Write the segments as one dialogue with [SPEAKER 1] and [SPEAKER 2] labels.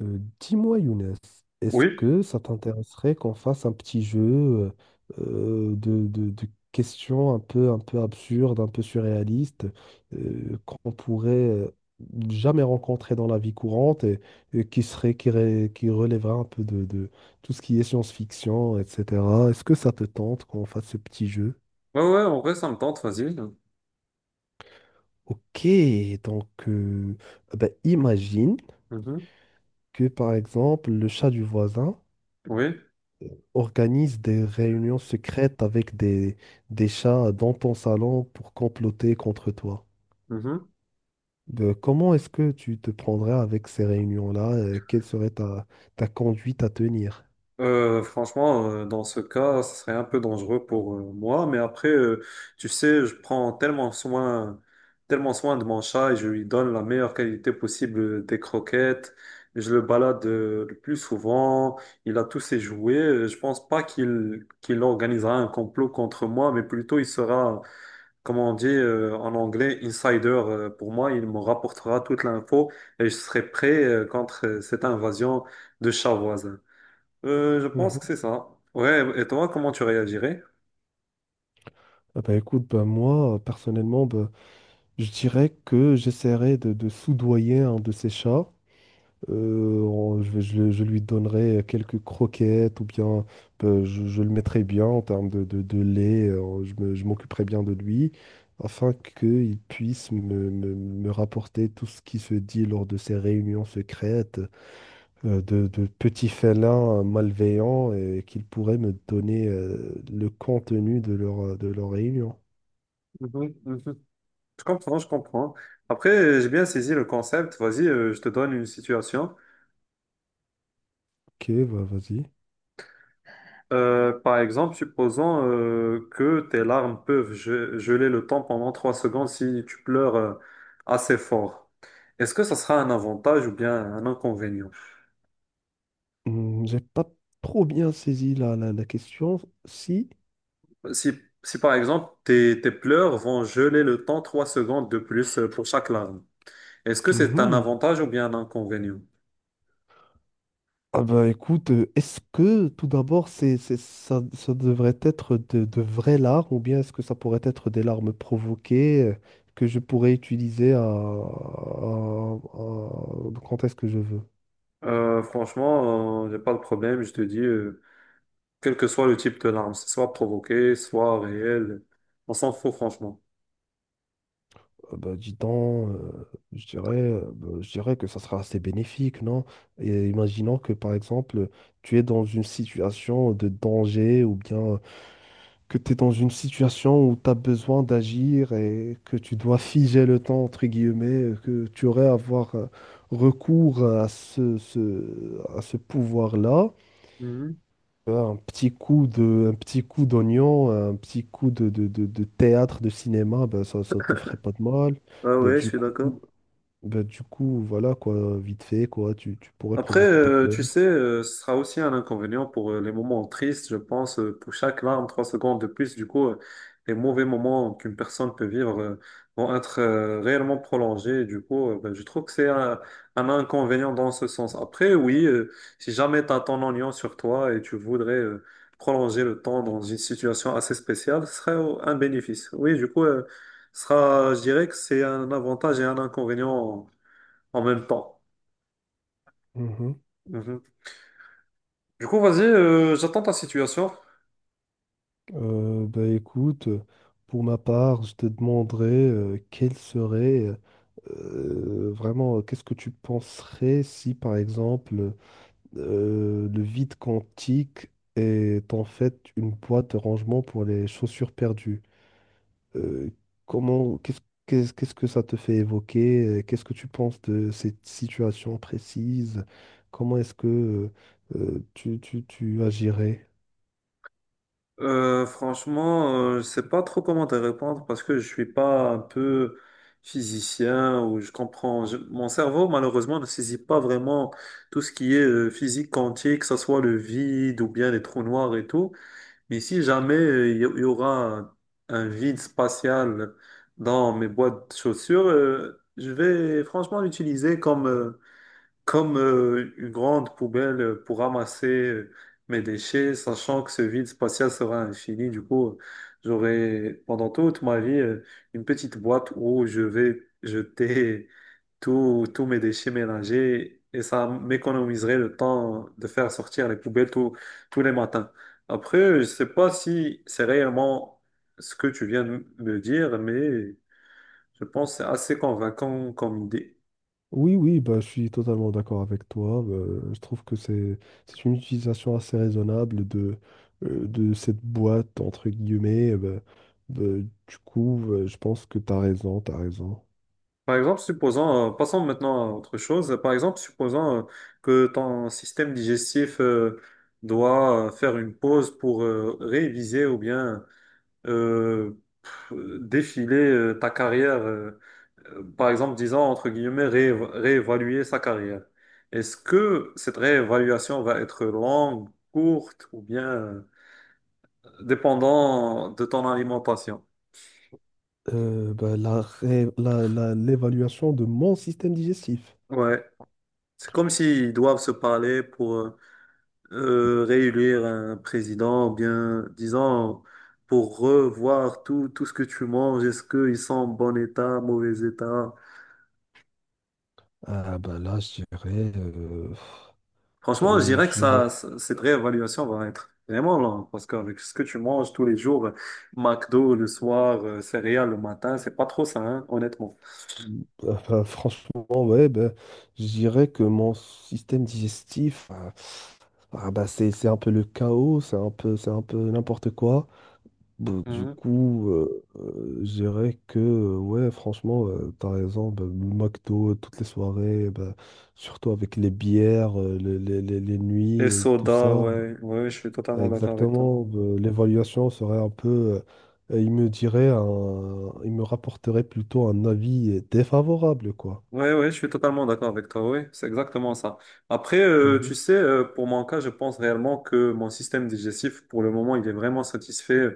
[SPEAKER 1] Dis-moi, Younes, est-ce
[SPEAKER 2] Oui,
[SPEAKER 1] que ça t'intéresserait qu'on fasse un petit jeu de questions un peu absurdes, un peu surréalistes, qu'on pourrait jamais rencontrer dans la vie courante et qui serait, qui relèverait un peu de tout ce qui est science-fiction, etc. Est-ce que ça te tente qu'on fasse ce petit jeu?
[SPEAKER 2] ouais, ouais, en vrai, ça me tente, vas-y.
[SPEAKER 1] Ok, donc ben, imagine
[SPEAKER 2] Mhm.
[SPEAKER 1] que par exemple le chat du voisin
[SPEAKER 2] Oui,
[SPEAKER 1] organise des réunions secrètes avec des chats dans ton salon pour comploter contre toi.
[SPEAKER 2] mhm.
[SPEAKER 1] Comment est-ce que tu te prendrais avec ces réunions-là? Quelle serait ta conduite à tenir?
[SPEAKER 2] Franchement, dans ce cas, ça serait un peu dangereux pour moi, mais après, tu sais, je prends tellement soin de mon chat et je lui donne la meilleure qualité possible des croquettes. Je le balade le plus souvent, il a tous ses jouets. Je pense pas qu'il organisera un complot contre moi, mais plutôt il sera comment on dit en anglais, insider, pour moi, il me rapportera toute l'info et je serai prêt contre cette invasion de chats voisins. Je pense que
[SPEAKER 1] Mhm.
[SPEAKER 2] c'est ça. Ouais, et toi, comment tu réagirais?
[SPEAKER 1] Ah bah écoute, bah moi, personnellement, bah, je dirais que j'essaierais de soudoyer un de ces chats. Je lui donnerai quelques croquettes ou bien je le mettrai bien en termes de lait. Je m'occuperai bien de lui afin qu'il puisse me rapporter tout ce qui se dit lors de ces réunions secrètes de petits félins malveillants et qu'il pourrait me donner le contenu de de leur réunion.
[SPEAKER 2] Mhm, mhm. Je comprends, je comprends. Après, j'ai bien saisi le concept. Vas-y, je te donne une situation.
[SPEAKER 1] Ok, bah, vas-y.
[SPEAKER 2] Par exemple, supposons que tes larmes peuvent geler le temps pendant 3 secondes si tu pleures assez fort. Est-ce que ça sera un avantage ou bien un inconvénient?
[SPEAKER 1] J'ai pas trop bien saisi la question. Si.
[SPEAKER 2] Si, si par exemple tes pleurs vont geler le temps 3 secondes de plus pour chaque larme, est-ce que
[SPEAKER 1] Hmm,
[SPEAKER 2] c'est un
[SPEAKER 1] hmm.
[SPEAKER 2] avantage ou bien un inconvénient?
[SPEAKER 1] Ah bah écoute, est-ce que tout d'abord ça devrait être de vraies larmes ou bien est-ce que ça pourrait être des larmes provoquées que je pourrais utiliser quand est-ce que je veux?
[SPEAKER 2] Franchement, j'ai pas de problème, je te dis, quel que soit le type de larme, c'est soit provoqué, soit réel, on s'en fout franchement.
[SPEAKER 1] Ah bah dis donc, je dirais que ça sera assez bénéfique, non? Et imaginons que par exemple tu es dans une situation de danger ou bien que tu es dans une situation où tu as besoin d'agir et que tu dois figer le temps, entre guillemets, que tu aurais à avoir recours à à ce pouvoir-là.
[SPEAKER 2] Mhm.
[SPEAKER 1] Un un petit coup d'oignon, un petit coup de théâtre, de cinéma, ben ça ne te ferait pas de mal.
[SPEAKER 2] Ah
[SPEAKER 1] Ben,
[SPEAKER 2] ouais, je
[SPEAKER 1] du
[SPEAKER 2] suis d'accord.
[SPEAKER 1] coup, ben, du coup, voilà quoi, vite fait, quoi, tu pourrais
[SPEAKER 2] Après,
[SPEAKER 1] provoquer tes pleurs.
[SPEAKER 2] tu sais, ce sera aussi un inconvénient pour les moments tristes, je pense, pour chaque larme, 3 secondes de plus. Du coup, les mauvais moments qu'une personne peut vivre vont être réellement prolongés. Du coup, ben, je trouve que c'est un inconvénient dans ce sens. Après, oui, si jamais tu as ton oignon sur toi et tu voudrais prolonger le temps dans une situation assez spéciale, ce serait un bénéfice. Oui, du coup, ce sera, je dirais que c'est un avantage et un inconvénient en même temps.
[SPEAKER 1] Mhm.
[SPEAKER 2] Mhm. Du coup, vas-y, j'attends ta situation.
[SPEAKER 1] Bah écoute, pour ma part, je te demanderais quel serait vraiment, qu'est-ce que tu penserais si, par exemple, le vide quantique est en fait une boîte de rangement pour les chaussures perdues? Euh, comment, qu'est-ce, qu'est-ce qu'est-ce que ça te fait évoquer? Qu'est-ce que tu penses de cette situation précise? Comment est-ce que tu agirais?
[SPEAKER 2] Franchement, je sais pas trop comment te répondre parce que je suis pas un peu physicien ou je comprends. Mon cerveau, malheureusement, ne saisit pas vraiment tout ce qui est physique quantique, que ce soit le vide ou bien les trous noirs et tout. Mais si jamais il y aura un vide spatial dans mes boîtes de chaussures, je vais franchement l'utiliser comme. Comme une grande poubelle pour ramasser mes déchets, sachant que ce vide spatial sera infini. Du coup, j'aurai pendant toute ma vie une petite boîte où je vais jeter tous mes déchets mélangés et ça m'économiserait le temps de faire sortir les poubelles tous les matins. Après, je sais pas si c'est réellement ce que tu viens de me dire, mais je pense que c'est assez convaincant comme idée.
[SPEAKER 1] Oui, oui, bah, je suis totalement d'accord avec toi. Je trouve que c'est une utilisation assez raisonnable de cette boîte, entre guillemets. Bah, du coup, je pense que tu as raison, tu as raison.
[SPEAKER 2] Par exemple, supposons, passons maintenant à autre chose. Par exemple, supposons que ton système digestif doit faire une pause pour réviser ou bien euh, p- défiler ta carrière. Par exemple, disons, entre guillemets, réévaluer sa carrière. Est-ce que cette réévaluation va être longue, courte ou bien dépendant de ton alimentation?
[SPEAKER 1] Bah, la, ré- la- la- l'évaluation de mon système digestif.
[SPEAKER 2] Ouais. C'est comme s'ils doivent se parler pour réélire un président, ou bien, disons, pour revoir tout, tout ce que tu manges, est-ce qu'ils sont en bon état, mauvais état.
[SPEAKER 1] Ah, bah, là,
[SPEAKER 2] Franchement, je dirais que
[SPEAKER 1] je dirais
[SPEAKER 2] cette réévaluation va être vraiment longue, parce qu'avec ce que tu manges tous les jours, McDo le soir, céréales le matin, c'est pas trop ça, hein, honnêtement.
[SPEAKER 1] Ah bah, franchement, ouais, bah, je dirais que mon système digestif, ah, ah bah, c'est un peu le chaos, c'est un peu n'importe quoi. Bon, du
[SPEAKER 2] Mhm.
[SPEAKER 1] coup, je dirais que, ouais, franchement, t'as raison, bah, le McDo, toutes les soirées, bah, surtout avec les bières, les
[SPEAKER 2] Et
[SPEAKER 1] nuits et tout
[SPEAKER 2] soda,
[SPEAKER 1] ça.
[SPEAKER 2] ouais, ouais, je suis
[SPEAKER 1] Ah, ouais,
[SPEAKER 2] totalement d'accord avec toi.
[SPEAKER 1] exactement, bah, l'évaluation serait un peu, il me rapporterait plutôt un avis défavorable, quoi.
[SPEAKER 2] Ouais, ouais, je suis totalement d'accord avec toi. Oui, c'est exactement ça. Après,
[SPEAKER 1] Mhm.
[SPEAKER 2] tu sais, pour mon cas, je pense réellement que mon système digestif, pour le moment, il est vraiment satisfait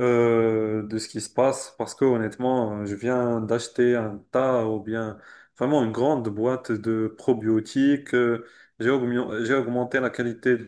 [SPEAKER 2] de ce qui se passe parce que honnêtement, je viens d'acheter un tas ou bien vraiment une grande boîte de probiotiques. J'ai augmenté la qualité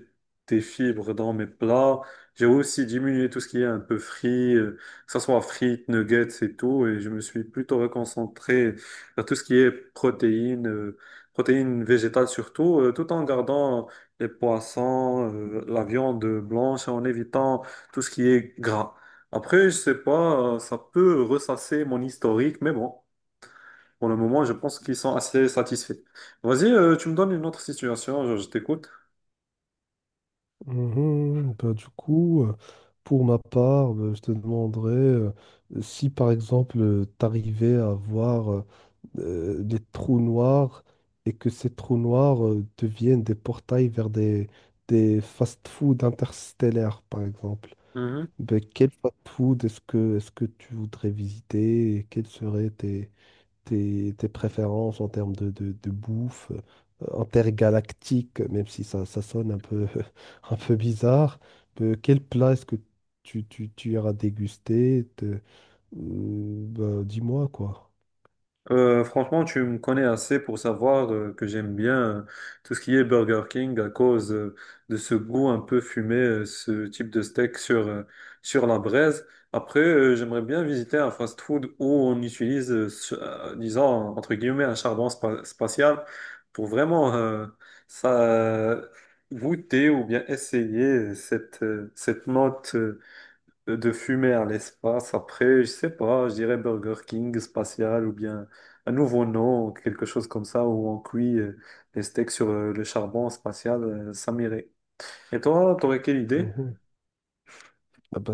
[SPEAKER 2] des fibres dans mes plats. J'ai aussi diminué tout ce qui est un peu frit, que ce soit frites, nuggets et tout. Et je me suis plutôt reconcentré vers tout ce qui est protéines, protéines végétales surtout, tout en gardant les poissons, la viande blanche, en évitant tout ce qui est gras. Après, je sais pas, ça peut ressasser mon historique, mais bon, pour le moment, je pense qu'ils sont assez satisfaits. Vas-y, tu me donnes une autre situation, je t'écoute.
[SPEAKER 1] Mhm. Bah, du coup, pour ma part, je te demanderais si par exemple t'arrivais à voir des trous noirs et que ces trous noirs deviennent des portails vers des fast-food interstellaires, par exemple. Ben, quel fast-food est-ce que tu voudrais visiter et quels seraient tes préférences en termes de bouffe intergalactique, même si ça sonne un peu bizarre. Quel plat est-ce que tu iras déguster? Bah, dis-moi quoi.
[SPEAKER 2] Franchement, tu me connais assez pour savoir que j'aime bien tout ce qui est Burger King à cause de ce goût un peu fumé, ce type de steak sur, sur la braise. Après, j'aimerais bien visiter un fast-food où on utilise, disons, entre guillemets, un spatial pour vraiment ça, goûter ou bien essayer cette, cette note. De fumer à l'espace. Après, je sais pas, je dirais Burger King spatial ou bien un nouveau nom, quelque chose comme ça, où on cuit les steaks sur le charbon spatial, ça m'irait. Et toi, t'aurais quelle idée?
[SPEAKER 1] Ah bah,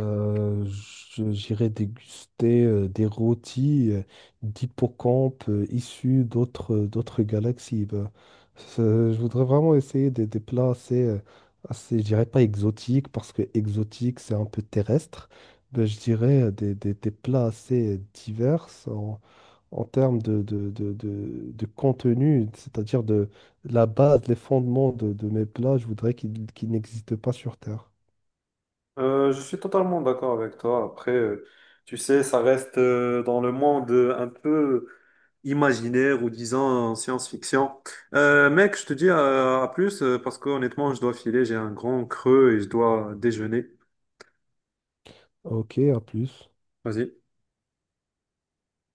[SPEAKER 1] j'irai déguster des rôtis d'hippocampes issus d'autres galaxies. Bah, ça- je voudrais vraiment essayer des plats assez, assez, je dirais pas exotiques, parce que exotique, c'est un peu terrestre. Mais je dirais des plats assez divers en termes de contenu, c'est-à-dire de la base, les fondements de mes plats, je voudrais qu'ils n'existent pas sur Terre.
[SPEAKER 2] Je suis totalement d'accord avec toi. Après, tu sais, ça reste dans le monde un peu imaginaire ou disons science-fiction. Mec, je te dis à plus parce que honnêtement, je dois filer, j'ai un grand creux et je dois déjeuner.
[SPEAKER 1] Ok, à plus.
[SPEAKER 2] Vas-y.